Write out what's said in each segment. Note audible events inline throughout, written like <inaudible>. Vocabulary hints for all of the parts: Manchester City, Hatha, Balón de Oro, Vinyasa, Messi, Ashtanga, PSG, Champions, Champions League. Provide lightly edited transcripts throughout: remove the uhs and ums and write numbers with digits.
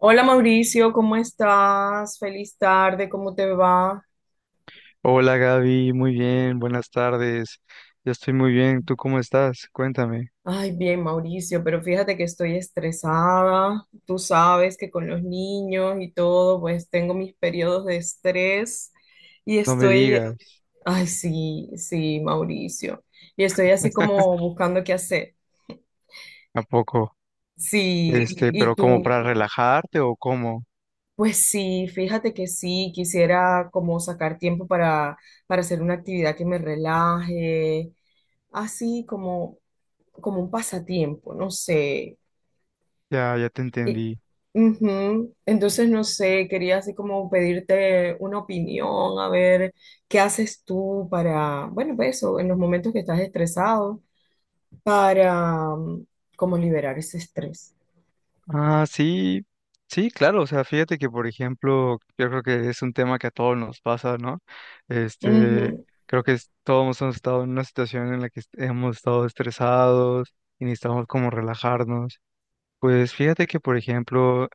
Hola Mauricio, ¿cómo estás? Feliz tarde, ¿cómo te va? Hola Gaby, muy bien, buenas tardes. Yo estoy muy bien, ¿tú cómo estás? Cuéntame, Ay, bien Mauricio, pero fíjate que estoy estresada. Tú sabes que con los niños y todo, pues tengo mis periodos de estrés y no me estoy, digas, ay, sí, sí, Mauricio, y estoy así como buscando qué hacer. ¿a poco? Sí, <laughs> ¿y pero ¿como tú? para relajarte o cómo? Pues sí, fíjate que sí, quisiera como sacar tiempo para, hacer una actividad que me relaje así como un pasatiempo, no sé. Ya, ya te Y- entendí. Ujú. Entonces, no sé, quería así como pedirte una opinión, a ver qué haces tú para, bueno, pues eso, en los momentos que estás estresado, para como liberar ese estrés. Ah, sí, sí, claro, o sea, fíjate que por ejemplo, yo creo que es un tema que a todos nos pasa, ¿no? Este, Ujú, todos hemos estado en una situación en la que hemos estado estresados y necesitamos como relajarnos. Pues fíjate que por ejemplo,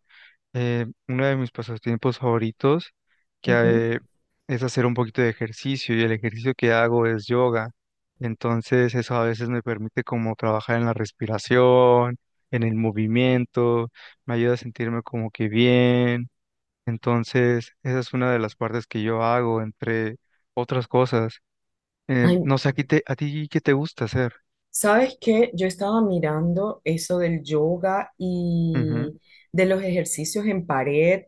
Uno de mis pasatiempos favoritos que ujú. eh, es hacer un poquito de ejercicio y el ejercicio que hago es yoga. Entonces eso a veces me permite como trabajar en la respiración, en el movimiento, me ayuda a sentirme como que bien. Entonces esa es una de las partes que yo hago entre otras cosas. Ay, No sé, ¿a ti, a ti qué te gusta hacer? ¿sabes qué? Yo estaba mirando eso del yoga Ujú. y de los ejercicios en pared.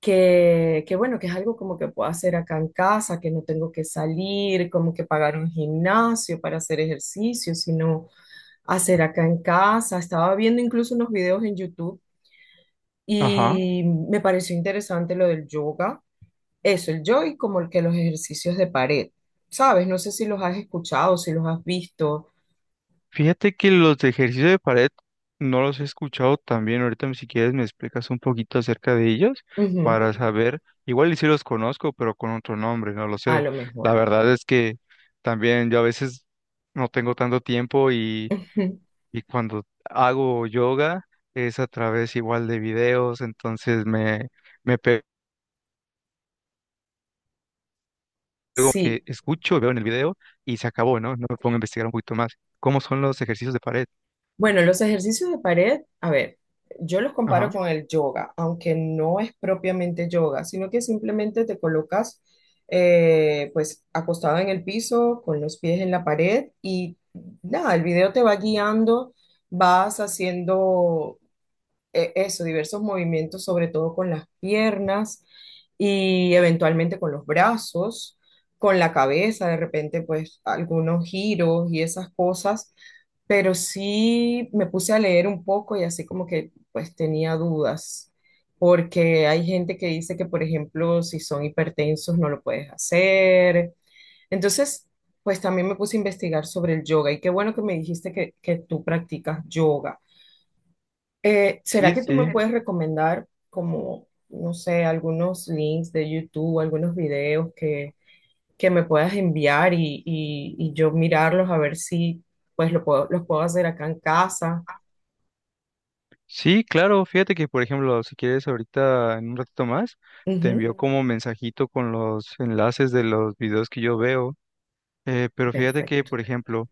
Que bueno, que es algo como que puedo hacer acá en casa, que no tengo que salir, como que pagar un gimnasio para hacer ejercicio, sino hacer acá en casa. Estaba viendo incluso unos videos en YouTube Ajá. y me pareció interesante lo del yoga, eso, el yoga y como el que los ejercicios de pared, ¿sabes? No sé si los has escuchado, si los has visto. Fíjate que los de ejercicio de pared no los he escuchado tan bien. Ahorita, si quieres, me explicas un poquito acerca de ellos Ujú, para saber. Igual y sí los conozco, pero con otro nombre, no lo a sé. lo La mejor. verdad es que también yo a veces no tengo tanto tiempo <laughs> y cuando hago yoga es a través igual de videos, entonces me pego que Sí. escucho, veo en el video y se acabó, ¿no? No me pongo a investigar un poquito más. ¿Cómo son los ejercicios de pared? Bueno, los ejercicios de pared, a ver, yo los comparo Ajá. con el yoga, aunque no es propiamente yoga, sino que simplemente te colocas, pues acostado en el piso, con los pies en la pared y nada, el video te va guiando, vas haciendo, eso, diversos movimientos, sobre todo con las piernas y eventualmente con los brazos, con la cabeza, de repente pues algunos giros y esas cosas, pero sí me puse a leer un poco y así como que pues tenía dudas, porque hay gente que dice que por ejemplo si son hipertensos no lo puedes hacer. Entonces, pues también me puse a investigar sobre el yoga y qué bueno que me dijiste que tú practicas yoga. ¿Será Sí, que tú sí. me puedes recomendar, como, no sé, algunos links de YouTube, algunos videos que me puedas enviar y, y yo mirarlos a ver si pues lo puedo, los puedo hacer acá en casa? Sí, claro, fíjate que por ejemplo, si quieres ahorita en un ratito más, te Ujú, envío como mensajito con los enlaces de los videos que yo veo, pero fíjate que perfecto. por ejemplo,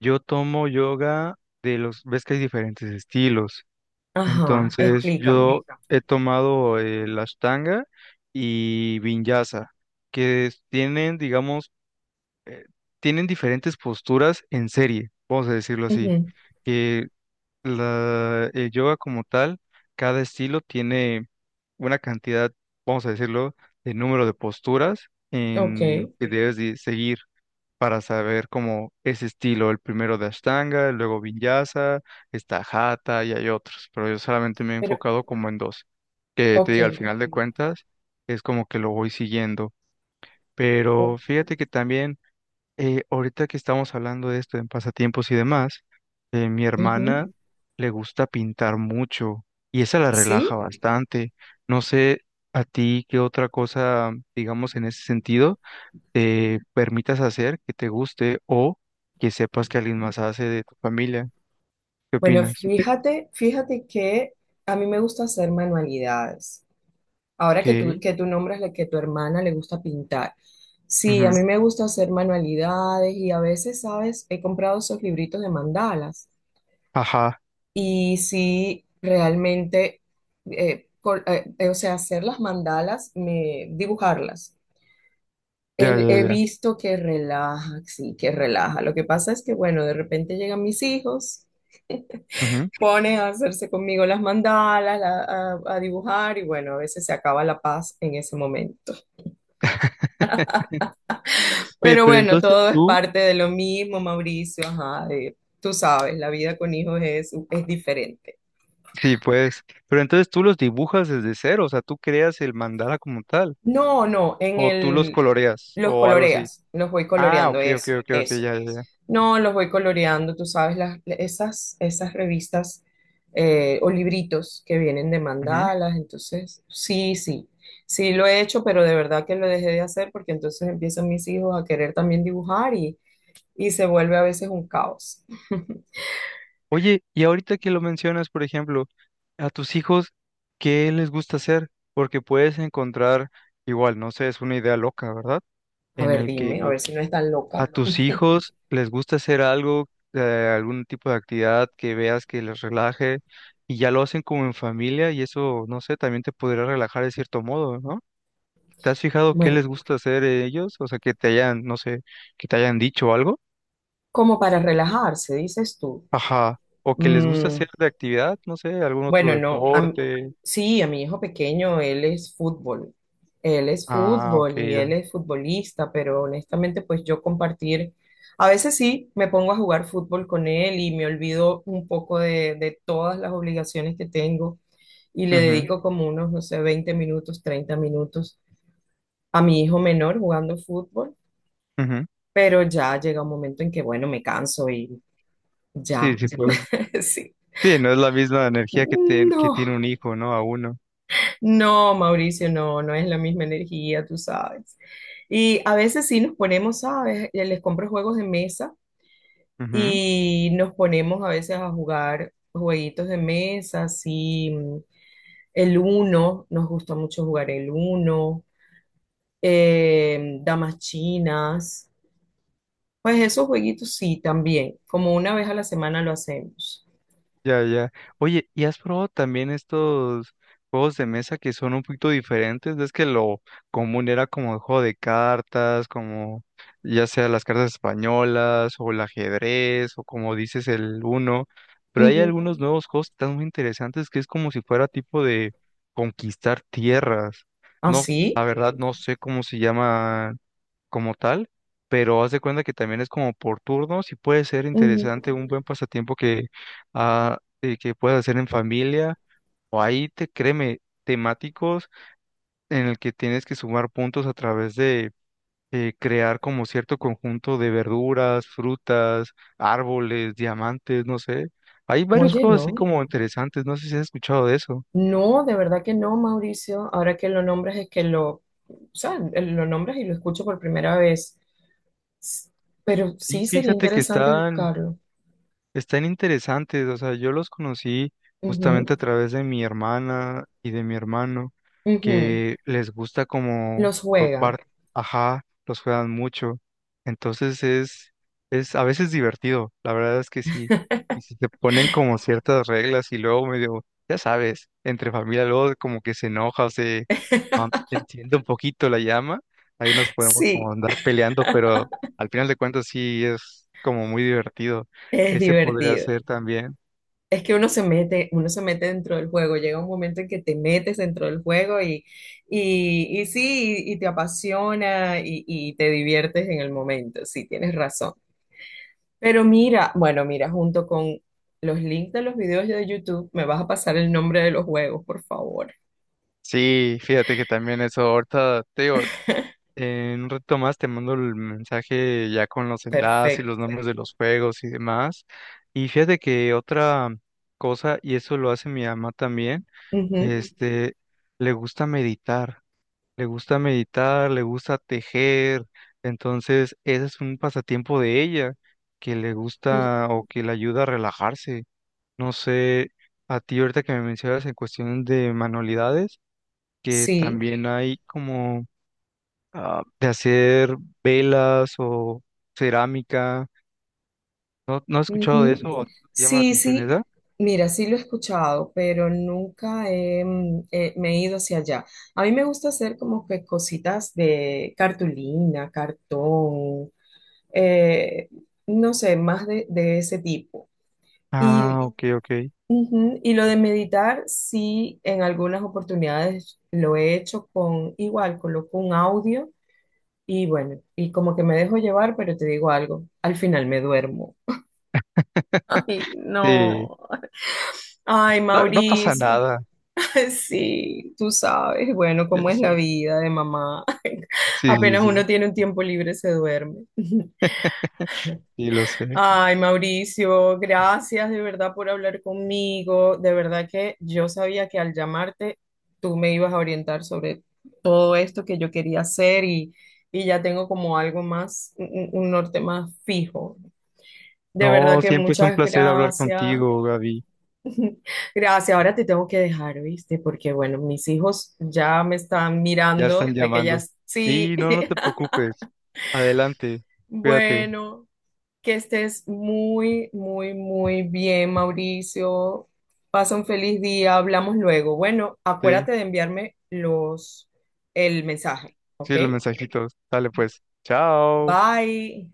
yo tomo yoga de los, ves que hay diferentes estilos, Ajá, entonces explícame. yo he tomado la Ashtanga y Vinyasa, tienen, digamos, tienen diferentes posturas en serie, vamos a decirlo así. Ujú, La, el yoga como tal, cada estilo tiene una cantidad, vamos a decirlo, de número de posturas ok, en que debes de seguir para saber cómo ese estilo, el primero de Ashtanga, luego Vinyasa, está Hatha y hay otros, pero yo solamente me he pero, enfocado como en dos, que te ok. digo, al final de Ok. cuentas es como que lo voy siguiendo, o- pero fíjate que también ahorita que estamos hablando de esto, en pasatiempos y demás, mi Ujú. hermana le gusta pintar mucho y esa la relaja Sí, bastante. No sé a ti qué otra cosa, digamos, en ese sentido, te permitas hacer que te guste o que sepas que alguien más hace de tu familia. ¿Qué bueno, opinas? fíjate, que a mí me gusta hacer manualidades. Ahora Que, que tú nombras la que tu hermana le gusta pintar. Sí, a mí me gusta hacer manualidades y a veces, ¿sabes? He comprado esos libritos de mandalas ajá, y sí, realmente, o sea, hacer las mandalas, me, dibujarlas. ya, He, ya, he ya. visto que relaja, sí, que relaja. Lo que pasa es que, bueno, de repente llegan mis hijos, Ujú. ponen a hacerse conmigo las mandalas, a dibujar y bueno, a veces se acaba la paz en ese momento. Oye, Pero pero bueno, entonces todo es tú, parte de lo mismo, Mauricio, ajá, de- tú sabes, la vida con hijos es diferente. sí, pues, pero entonces tú los dibujas desde cero, o sea, tú creas el mandala como tal. No, no, O tú los coloreas, los o algo así. coloreas, los voy Ah, coloreando, ok, ok, eso, ok, ok, eso. ya, ya, ya. No, los voy coloreando, tú sabes, las, esas, esas revistas, o libritos que vienen de Ujú. mandalas, entonces, sí, sí, sí lo he hecho, pero de verdad que lo dejé de hacer porque entonces empiezan mis hijos a querer también dibujar y se vuelve a veces un caos. Oye, y ahorita que lo mencionas, por ejemplo, a tus hijos, ¿qué les gusta hacer? Porque puedes encontrar, igual, no sé, es una idea loca, ¿verdad? A En ver, el dime, a que ver si no es tan loca. a tus hijos les gusta hacer algo, algún tipo de actividad que veas que les relaje, y ya lo hacen como en familia, y eso, no sé, también te podría relajar de cierto modo, ¿no? ¿Te has fijado qué Bueno, les gusta hacer ellos? O sea, que te hayan, no sé, que te hayan dicho algo. como para relajarse, dices tú. Ajá. O que les gusta Mm, hacer de actividad, no sé, algún otro bueno, no, deporte. sí, a mi hijo pequeño, él es fútbol. Él es Ah, ok, fútbol y ya. él es futbolista, pero honestamente, pues yo compartir, a veces sí, me pongo a jugar fútbol con él y me olvido un poco de todas las obligaciones que tengo y le dedico Ujú, como unos, no sé, 20 minutos, 30 minutos a mi hijo menor jugando fútbol, ujú. pero ya llega un momento en que, bueno, me canso y ya. Sí, sí, pues. <laughs> Sí. Sí, no es la misma energía que, que No, tiene un hijo, ¿no? A uno. no, Mauricio, no, no es la misma energía, tú sabes. Y a veces sí nos ponemos, ¿sabes? Les compro juegos de mesa y nos ponemos a veces a jugar jueguitos de mesa, sí, el uno, nos gusta mucho jugar el uno, damas chinas, pues esos jueguitos sí, también, como una vez a la semana lo hacemos. Ya, ya. Oye, ¿y has probado también estos juegos de mesa que son un poquito diferentes? Es que lo común era como el juego de cartas, como ya sea las cartas españolas o el ajedrez o como dices el uno, pero hay Ujú. algunos nuevos juegos tan muy interesantes que es como si fuera tipo de conquistar tierras. No, la ¿Así? verdad no sé cómo se llama como tal, pero haz de cuenta que también es como por turnos y puede ser Ujú. interesante un buen pasatiempo que, que puedas hacer en familia o ahí te créeme temáticos en el que tienes que sumar puntos a través de crear como cierto conjunto de verduras, frutas, árboles, diamantes, no sé. Hay varios Oye, juegos así no. como interesantes, no sé si has escuchado de eso. No, de verdad que no, Mauricio. Ahora que lo nombras es que lo, o sea, lo nombras y lo escucho por primera vez. S- Pero Y sí sería fíjate que sí, interesante están. buscarlo. Están interesantes, o sea, yo los conocí Ujú, justamente a través de mi hermana y de mi hermano, ujú. que les gusta como Los por juega. parte, ajá, los juegan mucho. Entonces es a veces divertido, la verdad es que sí. Y si te ponen como ciertas reglas y luego medio, ya sabes, entre familia luego como que se enoja o se enciende un poquito la llama, ahí nos podemos como Sí, andar peleando, pero al final de cuentas sí es como muy divertido. es Ese podría divertido. ser también. Es que uno se mete dentro del juego. Llega un momento en que te metes dentro del juego y sí, te apasiona y te diviertes en el momento. Sí, tienes razón. Pero mira, bueno, mira, junto con los links de los videos de YouTube, me vas a pasar el nombre de los juegos, por favor. Sí, fíjate que también eso, ahorita te digo, <laughs> en un rato más te mando el mensaje ya con los enlaces y los Perfecto. nombres de los juegos y demás. Y fíjate que otra cosa, y eso lo hace mi mamá también, Ujú. este, le gusta meditar, le gusta meditar, le gusta tejer. Entonces, ese es un pasatiempo de ella que le Y- gusta o que le ayuda a relajarse. No sé, a ti ahorita que me mencionas en cuestión de manualidades, que Sí, también hay como de hacer velas o cerámica. No, no he escuchado de ujú. eso, o te llama la Sí, atención, sí. esa. Mira, sí lo he escuchado, pero nunca he, me he ido hacia allá. A mí me gusta hacer como que cositas de cartulina, cartón, eh, no sé, más de ese tipo. Y, Ah, ok, ok. ujú, y lo de meditar, sí, en algunas oportunidades lo he hecho con igual, coloco un audio y bueno, y como que me dejo llevar, pero te digo algo, al final me duermo. <laughs> Ay, <laughs> Sí, no. Ay, no, no pasa Mauricio, nada, <laughs> sí, tú sabes, bueno, ya cómo es la sé. vida de mamá. <laughs> Sí, sí, Apenas uno sí, tiene un tiempo libre, se duerme. sí, lo sé. Ay, Mauricio, gracias de verdad por hablar conmigo. De verdad que yo sabía que al llamarte tú me ibas a orientar sobre todo esto que yo quería hacer y ya tengo como algo más, un norte más fijo. De verdad No, que siempre es un muchas placer hablar gracias. contigo, Gaby. Gracias. Ahora te tengo que dejar, ¿viste? Porque bueno, mis hijos ya me están Ya mirando están de que ya llamando. sí. Sí, no, no te <laughs> preocupes. Adelante, cuídate. Bueno. Que estés muy, muy, muy bien, Mauricio. Pasa un feliz día, hablamos luego. Bueno, Sí. acuérdate de enviarme los el mensaje, ¿ok? Sí, los mensajitos. Dale pues. Chao. Bye.